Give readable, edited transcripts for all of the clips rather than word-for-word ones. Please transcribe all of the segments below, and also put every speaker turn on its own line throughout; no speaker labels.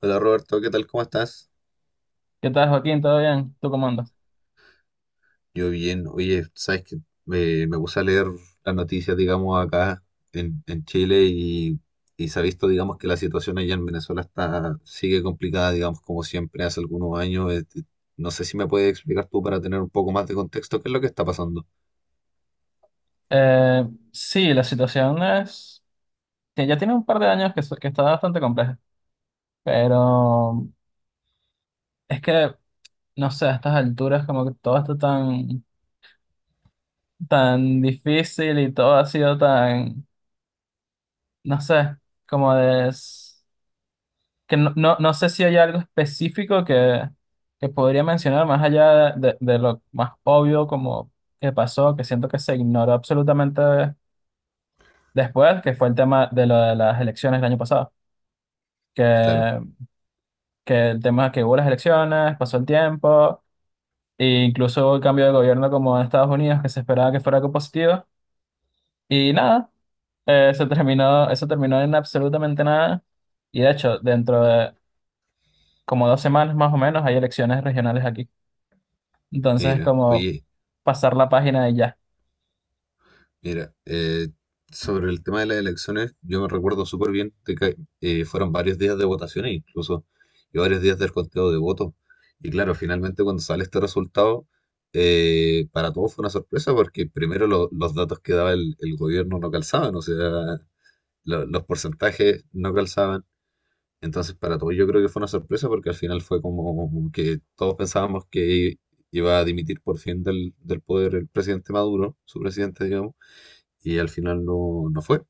Hola Roberto, ¿qué tal? ¿Cómo estás?
¿Qué tal, Joaquín? ¿Todo bien? ¿Tú cómo andas?
Yo bien. Oye, sabes que me puse a leer las noticias, digamos, acá en Chile y se ha visto, digamos, que la situación allá en Venezuela está, sigue complicada, digamos, como siempre hace algunos años. No sé si me puedes explicar tú para tener un poco más de contexto qué es lo que está pasando.
Eh, sí, la situación es que ya tiene un par de años que está bastante compleja, pero es que, no sé, a estas alturas como que todo está tan, tan difícil y todo ha sido tan, no sé, como que no sé si hay algo específico que podría mencionar más allá de lo más obvio, como que pasó, que siento que se ignoró absolutamente después, que fue el tema de lo de las elecciones del año pasado. que,
Claro,
que el tema es que hubo las elecciones, pasó el tiempo, e incluso hubo el cambio de gobierno como en Estados Unidos, que se esperaba que fuera algo positivo, y nada, se terminó, eso terminó en absolutamente nada, y de hecho, dentro de como 2 semanas más o menos hay elecciones regionales aquí, entonces es
mira,
como
oye.
pasar la página y ya.
Mira, sobre el tema de las elecciones, yo me recuerdo súper bien de que fueron varios días de votaciones incluso, y varios días del conteo de votos. Y claro, finalmente cuando sale este resultado, para todos fue una sorpresa porque primero los datos que daba el gobierno no calzaban, o sea, los porcentajes no calzaban. Entonces para todos yo creo que fue una sorpresa porque al final fue como que todos pensábamos que iba a dimitir por fin del poder el presidente Maduro, su presidente, digamos, y al final no, no fue.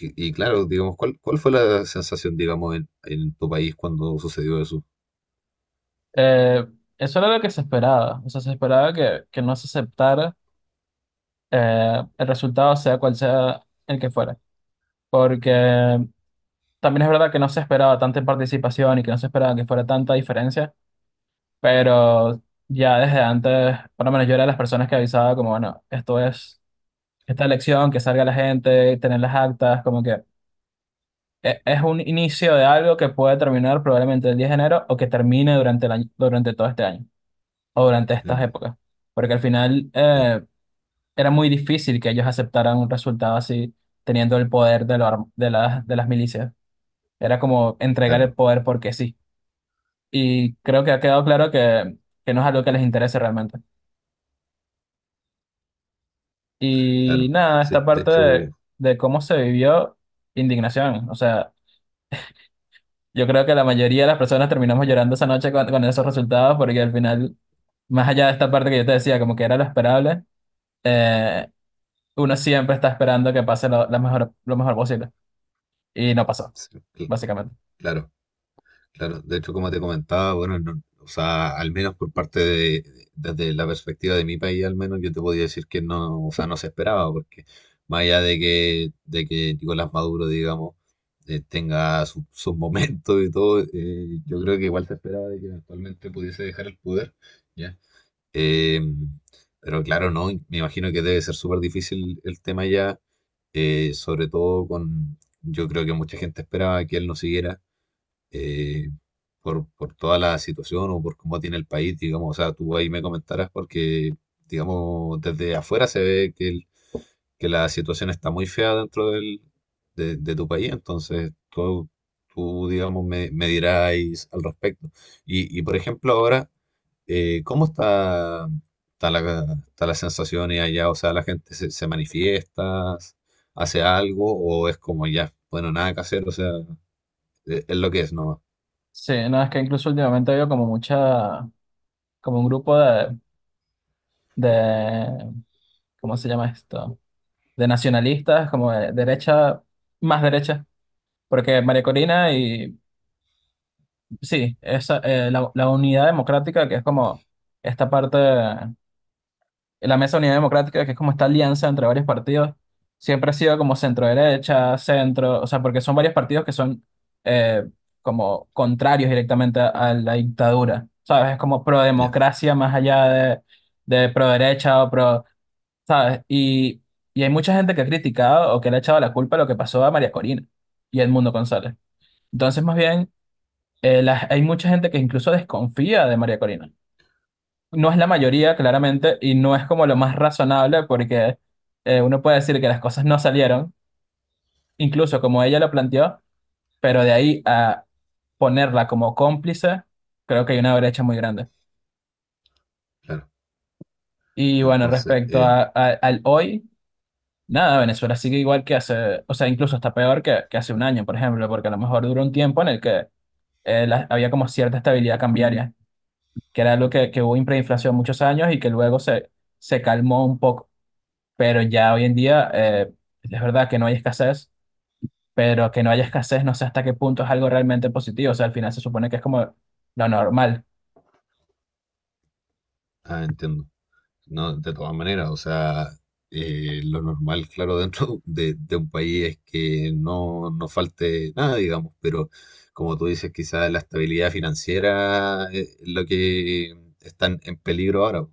Y claro, digamos, ¿cuál fue la sensación, digamos, en tu país cuando sucedió eso?
Eh, Eso era lo que se esperaba, o sea, se esperaba que no se aceptara el resultado, sea cual sea el que fuera, porque también es verdad que no se esperaba tanta participación y que no se esperaba que fuera tanta diferencia, pero ya desde antes, por lo menos yo era de las personas que avisaba como, bueno, esto es esta elección, que salga la gente, tener las actas, como que es un inicio de algo que puede terminar probablemente el 10 de enero o que termine durante el año, durante todo este año o durante estas
Mm,
épocas, porque al final
ya,
era muy difícil que ellos aceptaran un resultado así, teniendo el poder de, lo ar- de las milicias. Era como entregar el
claro,
poder porque sí. Y creo que ha quedado claro que no es algo que les interese realmente. Y
claro.
nada, esta
Sí, de
parte de,
hecho,
de cómo se vivió indignación. O sea, yo creo que la mayoría de las personas terminamos llorando esa noche con esos resultados porque al final, más allá de esta parte que yo te decía, como que era lo esperable, eh, uno siempre está esperando que pase lo mejor posible. Y no pasó,
sí, cl-
básicamente.
claro. Claro, de hecho, como te comentaba, bueno, o sea, al menos por parte de, desde la perspectiva de mi país, al menos yo te podía decir que no, o sea, no se esperaba, porque más allá de que Nicolás Maduro, digamos, tenga sus momentos y todo, yo creo que igual se esperaba de que eventualmente pudiese dejar el poder, ¿ya? Eh, pero claro, no, me imagino que debe ser súper difícil el tema ya, sobre todo con, yo creo que mucha gente esperaba que él no siguiera eh, por toda la situación o por cómo tiene el país, digamos, o sea, tú ahí me comentarás porque, digamos, desde afuera se ve que, que la situación está muy fea dentro del, de tu país, entonces tú digamos, me dirás al respecto. Y, por ejemplo, ahora, ¿cómo está la sensación allá? O sea, ¿la gente se manifiesta, hace algo o es como ya, bueno, nada que hacer, o sea, es lo que es, ¿no?
Sí, no, es que incluso últimamente veo como mucha, como un grupo de, ¿cómo se llama esto? De nacionalistas, como de derecha, más derecha, porque María Corina y sí, esa, la unidad democrática, que es como esta parte, la mesa unidad democrática, que es como esta alianza entre varios partidos, siempre ha sido como centro-derecha, centro, o sea, porque son varios partidos que son eh, como contrarios directamente a la dictadura, ¿sabes? Es como
Ya,
pro-democracia más allá de pro-derecha o pro. ¿Sabes? Y hay mucha gente que ha criticado o que le ha echado la culpa a lo que pasó a María Corina y a Edmundo González. Entonces, más bien, hay mucha gente que incluso desconfía de María Corina. No es la mayoría, claramente, y no es como lo más razonable porque uno puede decir que las cosas no salieron, incluso como ella lo planteó, pero de ahí a ponerla como cómplice, creo que hay una brecha muy grande.
claro.
Y bueno,
Entonces,
respecto al hoy. Nada, Venezuela sigue igual que hace, o sea, incluso está peor que hace un año, por ejemplo, porque a lo mejor duró un tiempo en el que había como cierta estabilidad cambiaria, que era algo que hubo hiperinflación muchos años y que luego se calmó un poco. Pero ya hoy en día es verdad que no hay escasez, pero que no haya escasez no sé hasta qué punto es algo realmente positivo, o sea, al final se supone que es como lo normal.
ah, entiendo. No, de todas maneras, o sea, lo normal, claro, dentro de un país es que no, no falte nada, digamos, pero como tú dices, quizás la estabilidad financiera es lo que está en peligro ahora.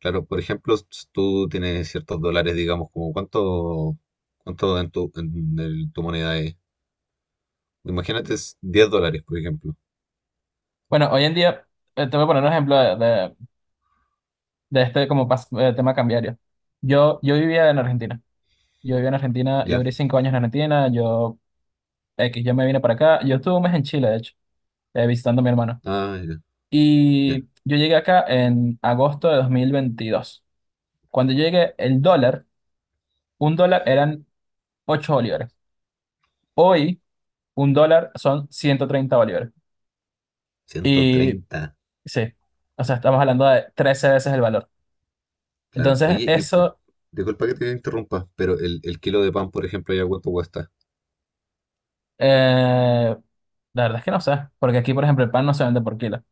Claro, por ejemplo, tú tienes ciertos dólares, digamos, como cuánto en tu moneda es. Imagínate es 10 dólares, por ejemplo,
Bueno, hoy en día, te voy a poner un ejemplo de este tema cambiario. Yo vivía en Argentina. Yo viví en Argentina, yo
¿ya?
viví 5 años en Argentina, yo X, yo me vine para acá, yo estuve un mes en Chile, de hecho, visitando a mi hermano.
Ah, ya,
Y
ya.
yo llegué acá en agosto de 2022. Cuando yo llegué, un dólar eran 8 bolívares. Hoy, un dólar son 130 bolívares.
ciento
Y
treinta
sí, o sea, estamos hablando de 13 veces el valor.
Claro.
Entonces,
Oye, y
eso,
disculpa que te interrumpa, pero el kilo de pan, por ejemplo, ¿ya cuánto cuesta?
eh, la verdad es que no sé, porque aquí, por ejemplo, el pan no se vende por kilo,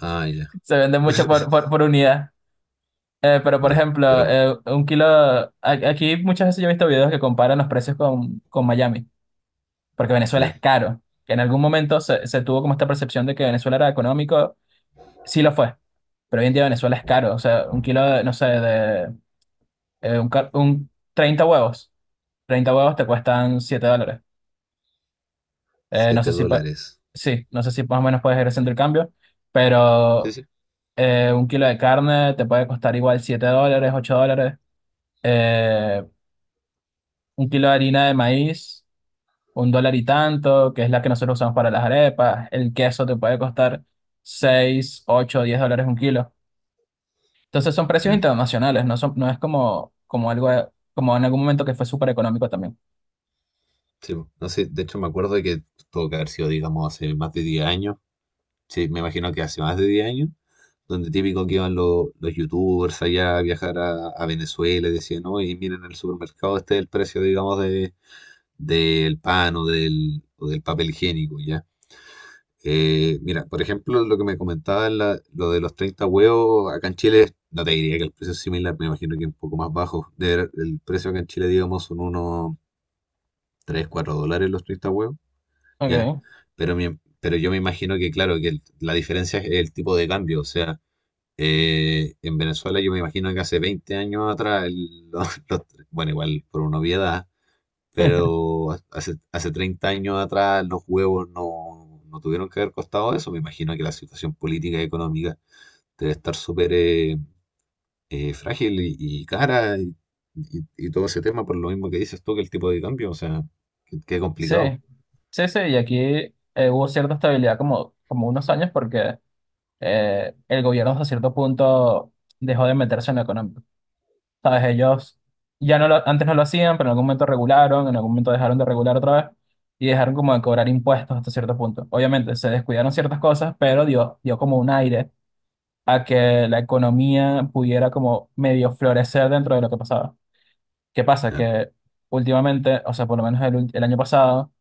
Ah, ya.
se vende mucho por, por, por unidad. Pero, por
Ya,
ejemplo,
pero
aquí muchas veces yo he visto videos que comparan los precios con Miami, porque Venezuela
ya,
es caro. Que en algún momento se tuvo como esta percepción de que Venezuela era económico, sí lo fue, pero hoy en día Venezuela es caro. O sea, un kilo, de, no sé, de un 30 huevos, 30 huevos te cuestan 7 dólares. Eh, no
siete
sé si, pa-
dólares.
sí, no sé si más o menos puedes ir haciendo
Ya.
el cambio,
Sí,
pero
sí.
un kilo de carne te puede costar igual 7 dólares, 8 dólares. Eh, un kilo de harina de maíz. Un dólar y tanto, que es la que nosotros usamos para las arepas. El queso te puede costar 6, 8, 10 dólares un kilo. Entonces son precios
Ya.
internacionales, no son, no es como algo, como en algún momento que fue súper económico también.
Sí, po. No sé, de hecho me acuerdo de que tuvo que haber sido, digamos, hace más de 10 años. Sí, me imagino que hace más de 10 años, donde típico que iban los youtubers allá a viajar a Venezuela y decían, no, y miren en el supermercado, este es el precio, digamos, del pan o del papel higiénico, ya. Mira, por ejemplo, lo que me comentaba lo de los 30 huevos, acá en Chile, no te diría que el precio es similar, me imagino que un poco más bajo. El precio acá en Chile, digamos, son unos 3, 4 dólares los 30 huevos, ¿ya?
Okay.
Pero, pero yo me imagino que, claro, que la diferencia es el tipo de cambio. O sea, en Venezuela yo me imagino que hace 20 años atrás, bueno, igual por una obviedad, pero hace 30 años atrás los huevos no, no tuvieron que haber costado eso. Me imagino que la situación política y económica debe estar súper frágil y cara y todo ese tema por lo mismo que dices tú que el tipo de cambio, o sea, qué
Sí,
complicado.
sí, sí, y aquí hubo cierta estabilidad como unos años porque el gobierno hasta cierto punto dejó de meterse en lo económico. ¿Sabes? Ellos ya no lo, antes no lo hacían, pero en algún momento regularon, en algún momento dejaron de regular otra vez y dejaron como de cobrar impuestos hasta cierto punto. Obviamente se descuidaron ciertas cosas, pero dio como un aire a que la economía pudiera como medio florecer dentro de lo que pasaba. ¿Qué pasa?
Claro.
Que últimamente, o sea, por lo menos el año pasado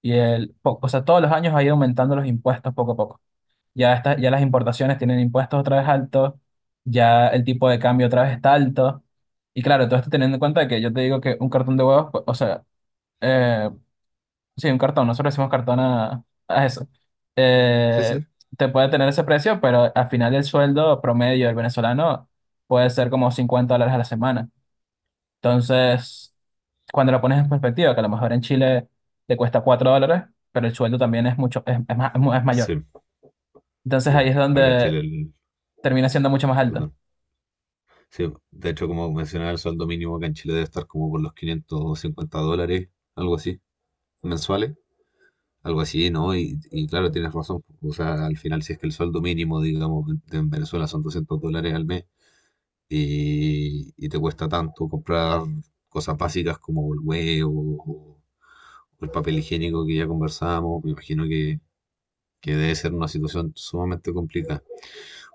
y o sea, todos los años ha ido aumentando los impuestos poco a poco. Ya las importaciones tienen impuestos otra vez altos, ya el tipo de cambio otra vez está alto. Y claro, todo esto teniendo en cuenta que yo te digo que un cartón de huevos, pues, o sea, eh, sí, un cartón, nosotros decimos cartón a eso,
Sí,
eh,
sí.
te puede tener ese precio, pero al final el sueldo promedio del venezolano puede ser como 50 dólares a la semana. Entonces, cuando lo pones en perspectiva, que a lo mejor en Chile te cuesta 4 dólares, pero el sueldo también es mucho, es mayor.
Sí,
Entonces
sí.
ahí es
Acá en
donde
Chile,
termina siendo mucho más alto.
perdón. Sí, de hecho, como mencionaba, el sueldo mínimo acá en Chile debe estar como por los 550 dólares, algo así, mensuales. Algo así, ¿no? Y claro, tienes razón. O sea, al final, si es que el sueldo mínimo, digamos, en Venezuela son 200 dólares al mes y te cuesta tanto comprar cosas básicas como el huevo o o el papel higiénico que ya conversábamos, me imagino que debe ser una situación sumamente complicada.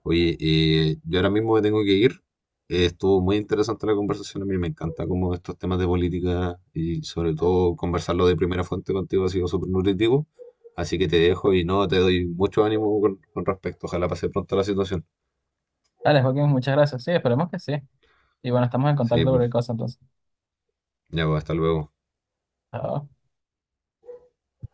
Oye, yo ahora mismo me tengo que ir. Estuvo muy interesante la conversación. A mí me encanta como estos temas de política y sobre todo conversarlo de primera fuente contigo ha sido súper nutritivo. Así que te dejo y no, te doy mucho ánimo con respecto. Ojalá pase pronto la situación.
Dale, Joaquín, muchas gracias. Sí, esperemos que sí. Y bueno, estamos en contacto
Sí,
por el
pues,
cosa entonces.
ya, pues, hasta luego.
Chao.